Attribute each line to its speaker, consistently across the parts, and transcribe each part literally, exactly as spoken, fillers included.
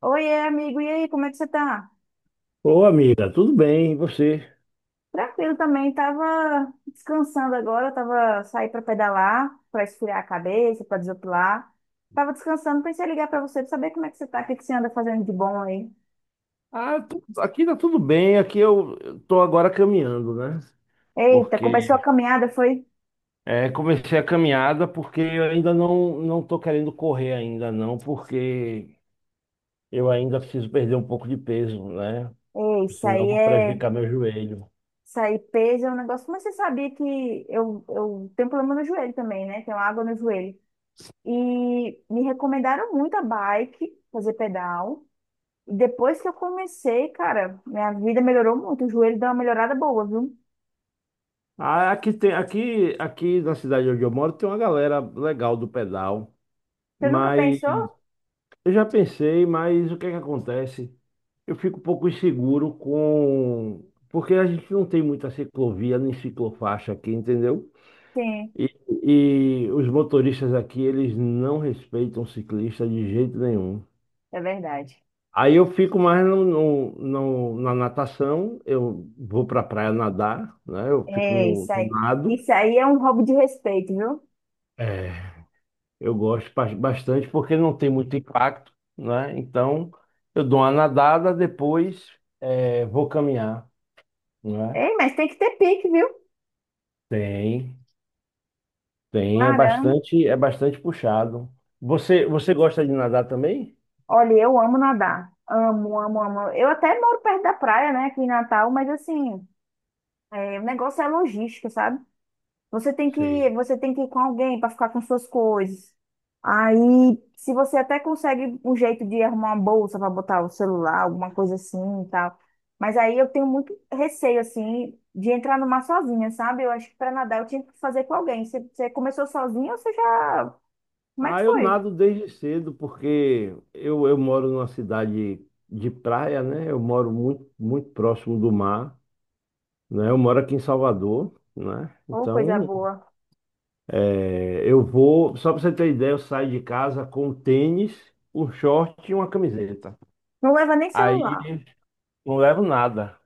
Speaker 1: Oiê, amigo, e aí, como é que você tá?
Speaker 2: Ô, amiga, tudo bem? E você?
Speaker 1: Tranquilo também, tava descansando agora, tava saí para pedalar, para esfriar a cabeça, para desopilar. Tava descansando, pensei em ligar para você para saber como é que você tá, o que que você anda fazendo de bom aí.
Speaker 2: Ah, tu- aqui tá tudo bem. Aqui eu eu tô agora caminhando, né?
Speaker 1: Eita, começou a
Speaker 2: Porque
Speaker 1: caminhada, foi?
Speaker 2: é, comecei a caminhada porque eu ainda não não tô querendo correr ainda não, porque eu ainda preciso perder um pouco de peso, né?
Speaker 1: Ei, isso
Speaker 2: Senão eu
Speaker 1: aí
Speaker 2: vou
Speaker 1: é,
Speaker 2: prejudicar meu joelho.
Speaker 1: isso aí peso é um negócio, mas você sabia que eu, eu tenho problema no joelho também, né? Tenho água no joelho. E me recomendaram muito a bike, fazer pedal. Depois que eu comecei, cara, minha vida melhorou muito. O joelho deu uma melhorada boa, viu?
Speaker 2: Ah, aqui tem aqui aqui na cidade onde eu moro tem uma galera legal do pedal,
Speaker 1: Você nunca
Speaker 2: mas
Speaker 1: pensou?
Speaker 2: eu já pensei, mas o que é que acontece? Eu fico um pouco inseguro com. Porque a gente não tem muita ciclovia nem ciclofaixa aqui, entendeu?
Speaker 1: Sim,
Speaker 2: E, e os motoristas aqui, eles não respeitam ciclista de jeito nenhum.
Speaker 1: é verdade.
Speaker 2: Aí eu fico mais no, no- no- na natação, eu vou pra praia nadar, né? Eu fico
Speaker 1: É,
Speaker 2: no,
Speaker 1: isso
Speaker 2: no
Speaker 1: aí.
Speaker 2: nado.
Speaker 1: Isso aí é um roubo de respeito, viu?
Speaker 2: É. Eu gosto bas- bastante porque não tem muito impacto, né? Então, eu dou uma nadada, depois eh, vou caminhar, né?
Speaker 1: Ei, mas tem que ter pique, viu?
Speaker 2: Tem, tem, é
Speaker 1: Caramba.
Speaker 2: bastante, é bastante puxado. Você, você gosta de nadar também?
Speaker 1: Olha, eu amo nadar. Amo, amo, amo. Eu até moro perto da praia, né, aqui em Natal, mas assim, é, o negócio é logística, sabe? Você tem que,
Speaker 2: Sim.
Speaker 1: você tem que ir com alguém para ficar com suas coisas. Aí, se você até consegue um jeito de arrumar uma bolsa para botar o celular, alguma coisa assim e tal. Mas aí eu tenho muito receio, assim, de entrar no mar sozinha, sabe? Eu acho que para nadar eu tinha que fazer com alguém. Você, você começou sozinha ou você já. Como é que
Speaker 2: Ah, eu
Speaker 1: foi?
Speaker 2: nado desde cedo porque eu, eu moro numa cidade de praia, né? Eu moro muito, muito próximo do mar, né? Eu moro aqui em Salvador, né?
Speaker 1: Ô, coisa
Speaker 2: Então,
Speaker 1: boa.
Speaker 2: é, eu vou, só para você ter ideia, eu saio de casa com um tênis, um short e uma camiseta.
Speaker 1: Não leva nem
Speaker 2: Aí
Speaker 1: celular.
Speaker 2: não levo nada.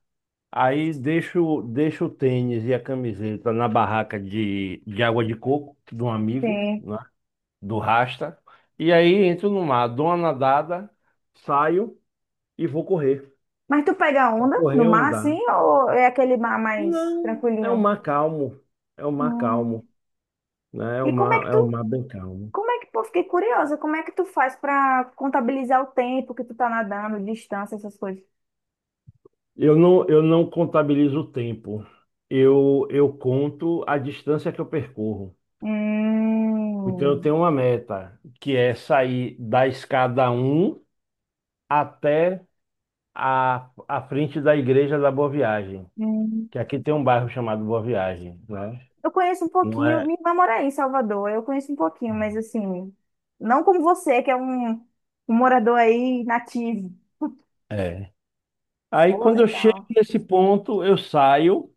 Speaker 2: Aí deixo, deixo o tênis e a camiseta na barraca de, de água de coco de um amigo,
Speaker 1: Sim.
Speaker 2: né, do Rasta. E aí entro no mar, dou uma nadada, saio e vou correr.
Speaker 1: Mas tu pega
Speaker 2: Vou
Speaker 1: onda no
Speaker 2: correr ou
Speaker 1: mar, assim,
Speaker 2: andar.
Speaker 1: ou é aquele mar mais
Speaker 2: Não, é um
Speaker 1: tranquilinho?
Speaker 2: mar calmo. É um mar calmo,
Speaker 1: Hum.
Speaker 2: né? É um
Speaker 1: E como é que
Speaker 2: mar, é
Speaker 1: tu
Speaker 2: um mar bem calmo.
Speaker 1: Como é que, pô, fiquei curiosa, como é que tu faz pra contabilizar o tempo que tu tá nadando, distância, essas coisas?
Speaker 2: Eu não, eu não contabilizo o tempo. Eu, eu conto a distância que eu percorro. Então, eu
Speaker 1: Hum,
Speaker 2: tenho uma meta, que é sair da escada um até a, a frente da Igreja da Boa Viagem,
Speaker 1: hum.
Speaker 2: que aqui tem um bairro chamado Boa Viagem, né?
Speaker 1: Eu conheço um
Speaker 2: Não
Speaker 1: pouquinho,
Speaker 2: é?
Speaker 1: minha irmã mora aí em Salvador, eu conheço um pouquinho, mas assim, não como você, que é um, um morador aí nativo.
Speaker 2: É. Aí,
Speaker 1: Pô,
Speaker 2: quando eu chego
Speaker 1: legal.
Speaker 2: nesse ponto, eu saio,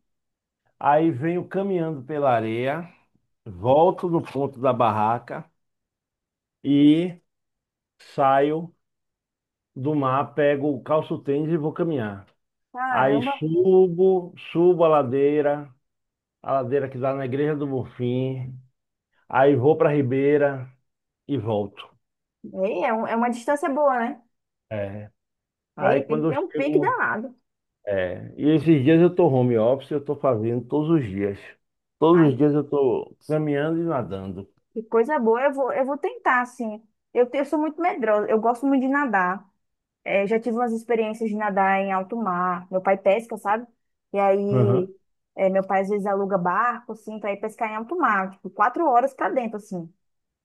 Speaker 2: aí venho caminhando pela areia, volto no ponto da barraca e saio do mar, pego, calço o tênis e vou caminhar. Aí
Speaker 1: Caramba.
Speaker 2: subo, subo a ladeira, a ladeira que dá na Igreja do Bonfim. Aí vou para a Ribeira e volto.
Speaker 1: Ei, é, um- é uma distância boa, né?
Speaker 2: É. Aí
Speaker 1: Ei, tem que
Speaker 2: quando eu
Speaker 1: ter um pique
Speaker 2: chego.
Speaker 1: danado.
Speaker 2: É. E esses dias eu estou home office, eu estou fazendo todos os dias. Todos os
Speaker 1: Ai,
Speaker 2: dias eu estou caminhando e nadando.
Speaker 1: que coisa boa. Eu vou, eu vou tentar, assim. Eu, te- eu sou muito medrosa. Eu gosto muito de nadar. É, já tive umas experiências de nadar em alto mar. Meu pai pesca, sabe? E aí,
Speaker 2: Aham.
Speaker 1: é, meu pai às vezes aluga barco, assim, pra ir pescar em alto mar, tipo, quatro horas pra dentro, assim.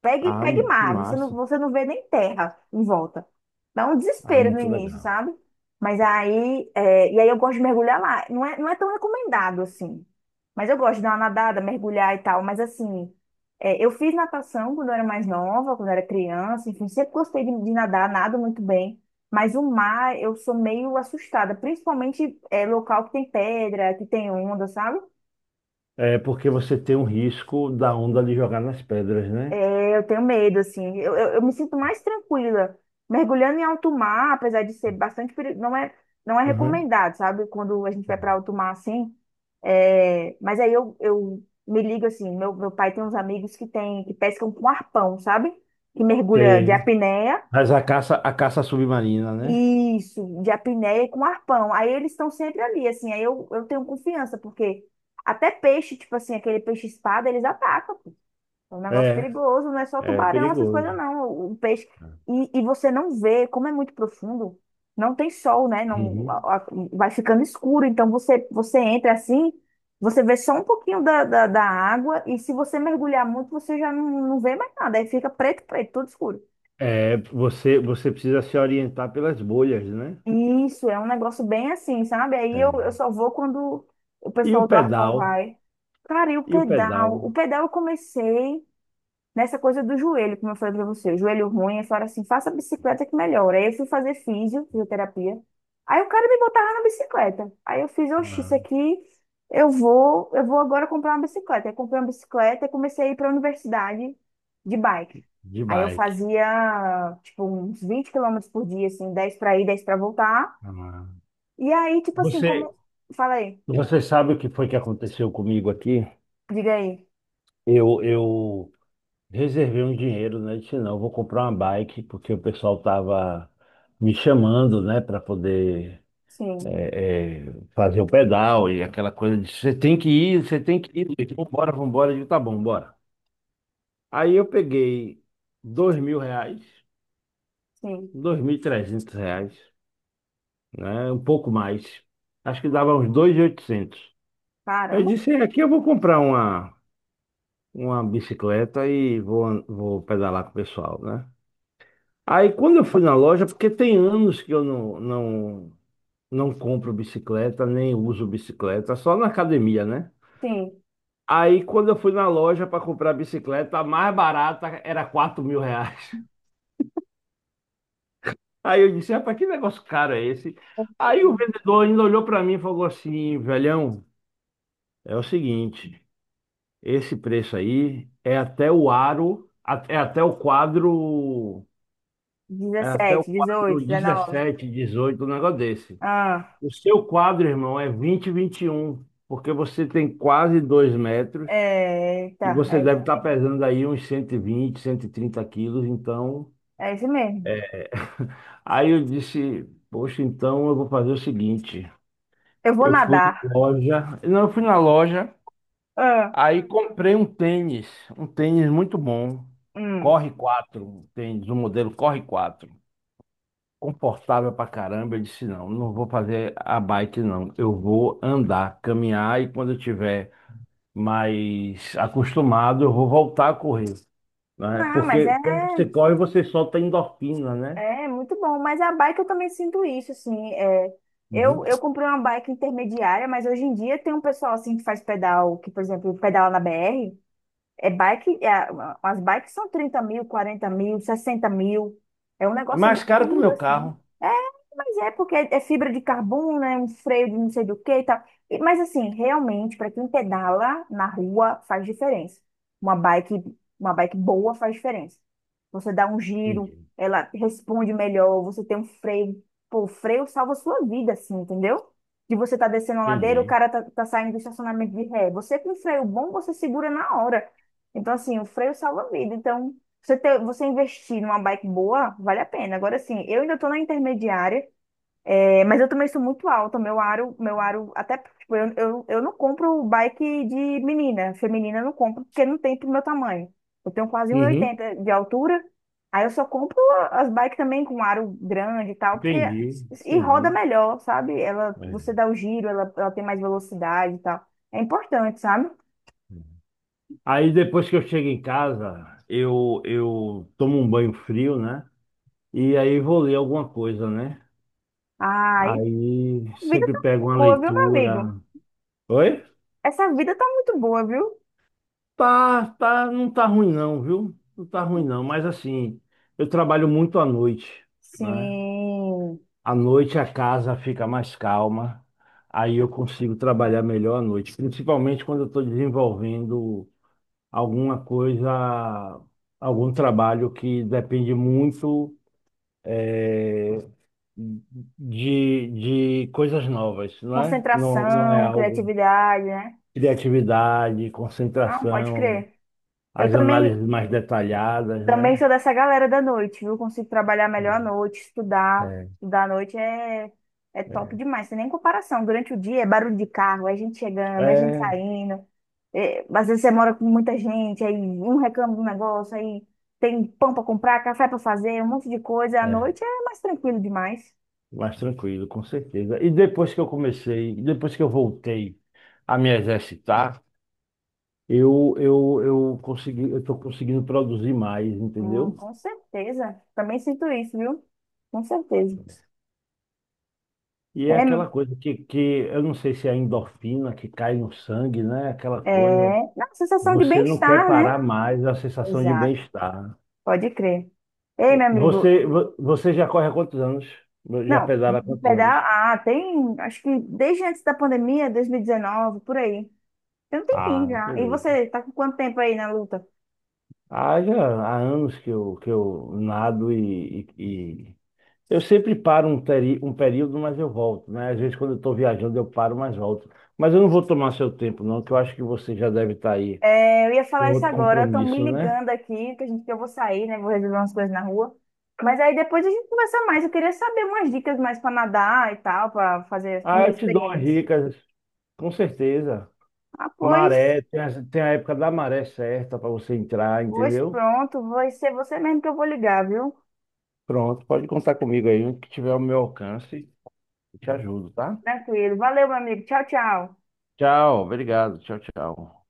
Speaker 1: Pegue,
Speaker 2: Ah,
Speaker 1: pegue
Speaker 2: que
Speaker 1: mar, você não,
Speaker 2: massa.
Speaker 1: você não vê nem terra em volta. Dá um
Speaker 2: Ah,
Speaker 1: desespero no
Speaker 2: muito
Speaker 1: início,
Speaker 2: legal.
Speaker 1: sabe? Mas aí, é, e aí eu gosto de mergulhar lá. Não é, não é tão recomendado assim. Mas eu gosto de dar uma nadada, mergulhar e tal. Mas assim, é, eu fiz natação quando eu era mais nova, quando eu era criança, enfim, sempre gostei de, de nadar, nado muito bem. Mas o mar, eu sou meio assustada, principalmente é, local que tem pedra, que tem onda, sabe?
Speaker 2: É porque você tem um risco da onda de jogar nas pedras, né?
Speaker 1: É, eu tenho medo, assim. Eu, eu, eu me sinto mais tranquila. Mergulhando em alto mar, apesar de ser bastante perigoso, não é, não é
Speaker 2: Uhum.
Speaker 1: recomendado, sabe? Quando a gente vai para alto mar, assim. É, mas aí eu, eu me ligo, assim, meu, meu pai tem uns amigos que tem, que pescam com arpão, sabe? Que mergulha de
Speaker 2: Sei.
Speaker 1: apneia.
Speaker 2: Mas a caça, a caça submarina, né?
Speaker 1: Isso, de apneia e com arpão. Aí eles estão sempre ali, assim. Aí eu, eu tenho confiança, porque até peixe, tipo assim, aquele peixe-espada, eles atacam. É um negócio
Speaker 2: É,
Speaker 1: perigoso, não é só
Speaker 2: é
Speaker 1: tubarão, essas coisas
Speaker 2: perigoso.
Speaker 1: não. O, o peixe. E, e você não vê, como é muito profundo, não tem sol, né? Não, a-
Speaker 2: Uhum.
Speaker 1: a- vai ficando escuro. Então você, você entra assim, você vê só um pouquinho da, da, da água, e se você mergulhar muito, você já não, não vê mais nada. Aí fica preto, preto, tudo escuro.
Speaker 2: É, você, você precisa se orientar pelas bolhas, né?
Speaker 1: Isso, é um negócio bem assim, sabe? Aí eu,
Speaker 2: É.
Speaker 1: eu só vou quando o
Speaker 2: E o
Speaker 1: pessoal do arpão
Speaker 2: pedal,
Speaker 1: vai. Cara, e o
Speaker 2: e o
Speaker 1: pedal?
Speaker 2: pedal
Speaker 1: O pedal eu comecei nessa coisa do joelho, como eu falei pra você, o joelho ruim, eu falei assim, faça bicicleta que melhora. Aí eu fui fazer físio, fisioterapia. Aí o cara me botava na bicicleta. Aí eu fiz, oxi, isso
Speaker 2: ah,
Speaker 1: aqui eu vou, eu vou agora comprar uma bicicleta. Aí comprei uma bicicleta e comecei a ir para a universidade de bike.
Speaker 2: de
Speaker 1: Aí eu
Speaker 2: bike.
Speaker 1: fazia, tipo, uns vinte quilômetros por dia, assim, dez para ir, dez para voltar.
Speaker 2: Ah.
Speaker 1: E aí, tipo assim, como...
Speaker 2: Você,
Speaker 1: Falei,
Speaker 2: você sabe o que foi que aconteceu comigo aqui?
Speaker 1: diga aí.
Speaker 2: Eu, eu reservei um dinheiro, né? Disse, não, eu vou comprar uma bike, porque o pessoal tava me chamando, né, para poder
Speaker 1: Sim,
Speaker 2: é, é, fazer o pedal e aquela coisa de você tem que ir, você tem que ir. Luiz. Vambora, vambora. Eu digo, tá bom, bora. Aí eu peguei dois mil reais,
Speaker 1: sim.
Speaker 2: dois mil e trezentos reais, né? Um pouco mais. Acho que dava uns dois mil e oitocentos. Eu
Speaker 1: Caramba.
Speaker 2: disse, é, aqui eu vou comprar uma, uma bicicleta e vou, vou pedalar com o pessoal, né? Aí quando eu fui na loja, porque tem anos que eu não, não, não compro bicicleta, nem uso bicicleta, só na academia, né?
Speaker 1: Sim.
Speaker 2: Aí quando eu fui na loja para comprar a bicicleta, a mais barata era quatro mil reais. Aí eu disse, rapaz, que negócio caro é esse? Aí o vendedor ainda olhou para mim e falou assim: velhão, é o seguinte, esse preço aí é até o aro, a- é até o quadro, é até o
Speaker 1: dezessete, dezoito
Speaker 2: quadro
Speaker 1: dezenove.
Speaker 2: dezessete, dezoito, um negócio desse.
Speaker 1: Ah,
Speaker 2: O seu quadro, irmão, é vinte, vinte e um, porque você tem quase dois metros.
Speaker 1: é,
Speaker 2: E
Speaker 1: tá,
Speaker 2: você
Speaker 1: é isso,
Speaker 2: deve estar pesando aí uns cento cento e vinte, cento e trinta quilos, então.
Speaker 1: é isso mesmo.
Speaker 2: Aí eu disse, poxa, então eu vou fazer o seguinte.
Speaker 1: Eu vou
Speaker 2: Eu fui
Speaker 1: nadar.
Speaker 2: na loja, não, eu fui na loja,
Speaker 1: Ah,
Speaker 2: aí comprei um tênis, um tênis muito bom.
Speaker 1: hum.
Speaker 2: Corre quatro, um tênis, um modelo Corre quatro, confortável pra caramba. Eu disse, não, não vou fazer a bike, não. Eu vou andar, caminhar e quando eu tiver mais acostumado, eu vou voltar a correr, né?
Speaker 1: Não, mas
Speaker 2: Porque
Speaker 1: é,
Speaker 2: quando você corre, você solta endorfina, né?
Speaker 1: é muito bom. Mas a bike eu também sinto isso, assim. É,
Speaker 2: Uhum.
Speaker 1: eu, eu comprei uma bike intermediária, mas hoje em dia tem um pessoal assim que faz pedal, que, por exemplo, pedala na B R. É bike, é, as bikes são trinta mil, quarenta mil, sessenta mil. É um
Speaker 2: É
Speaker 1: negócio
Speaker 2: mais caro que o
Speaker 1: absurdo,
Speaker 2: meu
Speaker 1: assim.
Speaker 2: carro.
Speaker 1: É, mas é porque é fibra de carbono, é um freio de não sei do que e tal. E- Mas assim, realmente, para quem pedala na rua, faz diferença. Uma bike, uma bike boa faz diferença. Você dá um giro,
Speaker 2: Entendi,
Speaker 1: ela responde melhor, você tem um freio. Pô, o freio salva a sua vida, assim, entendeu? De você tá descendo a ladeira, o
Speaker 2: entendi.
Speaker 1: cara tá, tá saindo do estacionamento de ré. Você com um freio bom, você segura na hora. Então, assim, o freio salva a vida. Então, você ter, você investir numa bike boa, vale a pena. Agora, assim, eu ainda tô na intermediária. É, mas eu também sou muito alta, meu aro, meu aro, até, tipo, eu, eu, eu não compro bike de menina, feminina eu não compro, porque não tem pro meu tamanho. Eu tenho quase um e
Speaker 2: Uhum.
Speaker 1: oitenta de altura, aí eu só compro as bikes também com aro grande e tal, porque,
Speaker 2: Entendi,
Speaker 1: e roda
Speaker 2: entendi.
Speaker 1: melhor, sabe? Ela, você
Speaker 2: É.
Speaker 1: dá o giro, ela, ela tem mais velocidade e tal. É importante, sabe?
Speaker 2: Aí depois que eu chego em casa, eu, eu tomo um banho frio, né? E aí vou ler alguma coisa, né?
Speaker 1: Ai,
Speaker 2: Aí
Speaker 1: a vida
Speaker 2: sempre
Speaker 1: tá
Speaker 2: pego
Speaker 1: muito
Speaker 2: uma
Speaker 1: boa, viu, meu amigo?
Speaker 2: leitura. Oi?
Speaker 1: Essa vida tá muito boa, viu?
Speaker 2: Tá, tá, não tá ruim não, viu? Não tá ruim não, mas assim, eu trabalho muito à noite, né?
Speaker 1: Sim,
Speaker 2: À noite a casa fica mais calma, aí eu consigo trabalhar melhor à noite, principalmente quando eu estou desenvolvendo alguma coisa, algum trabalho que depende muito eh, de, de coisas novas, não é? Não, não é
Speaker 1: concentração,
Speaker 2: algo,
Speaker 1: criatividade, né?
Speaker 2: criatividade,
Speaker 1: Ah, pode
Speaker 2: concentração,
Speaker 1: crer. Eu
Speaker 2: as
Speaker 1: também,
Speaker 2: análises mais detalhadas,
Speaker 1: também
Speaker 2: né?
Speaker 1: sou dessa galera da noite, viu? Consigo trabalhar melhor à noite, estudar.
Speaker 2: É,
Speaker 1: Estudar à noite é, é top
Speaker 2: é,
Speaker 1: demais, sem nem comparação. Durante o dia é barulho de carro, é gente chegando, é gente
Speaker 2: é,
Speaker 1: saindo. É, às vezes você mora com muita gente, aí um reclama do negócio, aí tem pão pra comprar, café pra fazer, um monte de coisa. À
Speaker 2: é,
Speaker 1: noite é mais tranquilo demais.
Speaker 2: mais tranquilo, com certeza. E depois que eu comecei, depois que eu voltei a me exercitar, eu, eu, eu consegui, eu estou conseguindo produzir mais,
Speaker 1: Hum,
Speaker 2: entendeu?
Speaker 1: com certeza. Também sinto isso, viu? Com certeza.
Speaker 2: E é
Speaker 1: É,
Speaker 2: aquela coisa que, que eu não sei se é a endorfina que cai no sangue, né? Aquela
Speaker 1: é,
Speaker 2: coisa,
Speaker 1: não, sensação de
Speaker 2: você não quer
Speaker 1: bem-estar, né?
Speaker 2: parar mais, a sensação de
Speaker 1: Exato.
Speaker 2: bem-estar.
Speaker 1: Pode crer. Ei, meu amigo,
Speaker 2: Você, vo- você já corre há quantos anos? Já
Speaker 1: não,
Speaker 2: pedala há
Speaker 1: de
Speaker 2: quantos anos?
Speaker 1: pedal, ah, tem, acho que desde antes da pandemia, dois mil e dezenove, por aí. Tem um tempinho
Speaker 2: Ah,
Speaker 1: já. E
Speaker 2: beleza.
Speaker 1: você, tá com quanto tempo aí na luta?
Speaker 2: Ah, já há anos que eu, que eu nado e, e- e- eu sempre paro um, teri- um período, mas eu volto, né? Às vezes quando eu estou viajando eu paro, mas volto. Mas eu não vou tomar seu tempo, não, que eu acho que você já deve estar aí
Speaker 1: É, eu ia
Speaker 2: com
Speaker 1: falar isso
Speaker 2: outro
Speaker 1: agora, estão me
Speaker 2: compromisso, né?
Speaker 1: ligando aqui, que a gente, que eu vou sair, né, vou resolver umas coisas na rua. Mas aí depois a gente conversa mais, eu queria saber umas dicas mais para nadar e tal, para fazer as
Speaker 2: Ah,
Speaker 1: primeiras
Speaker 2: eu te dou as
Speaker 1: experiências.
Speaker 2: dicas, com certeza.
Speaker 1: Ah, pois,
Speaker 2: Maré, tem a, tem a época da maré certa para você entrar,
Speaker 1: hoje
Speaker 2: entendeu?
Speaker 1: pronto, vai ser você mesmo que eu vou ligar, viu?
Speaker 2: Pronto, pode contar comigo aí, o que tiver ao meu alcance, eu te ajudo, tá?
Speaker 1: Tranquilo. Valeu, meu amigo. Tchau, tchau.
Speaker 2: Tchau, obrigado, tchau, tchau.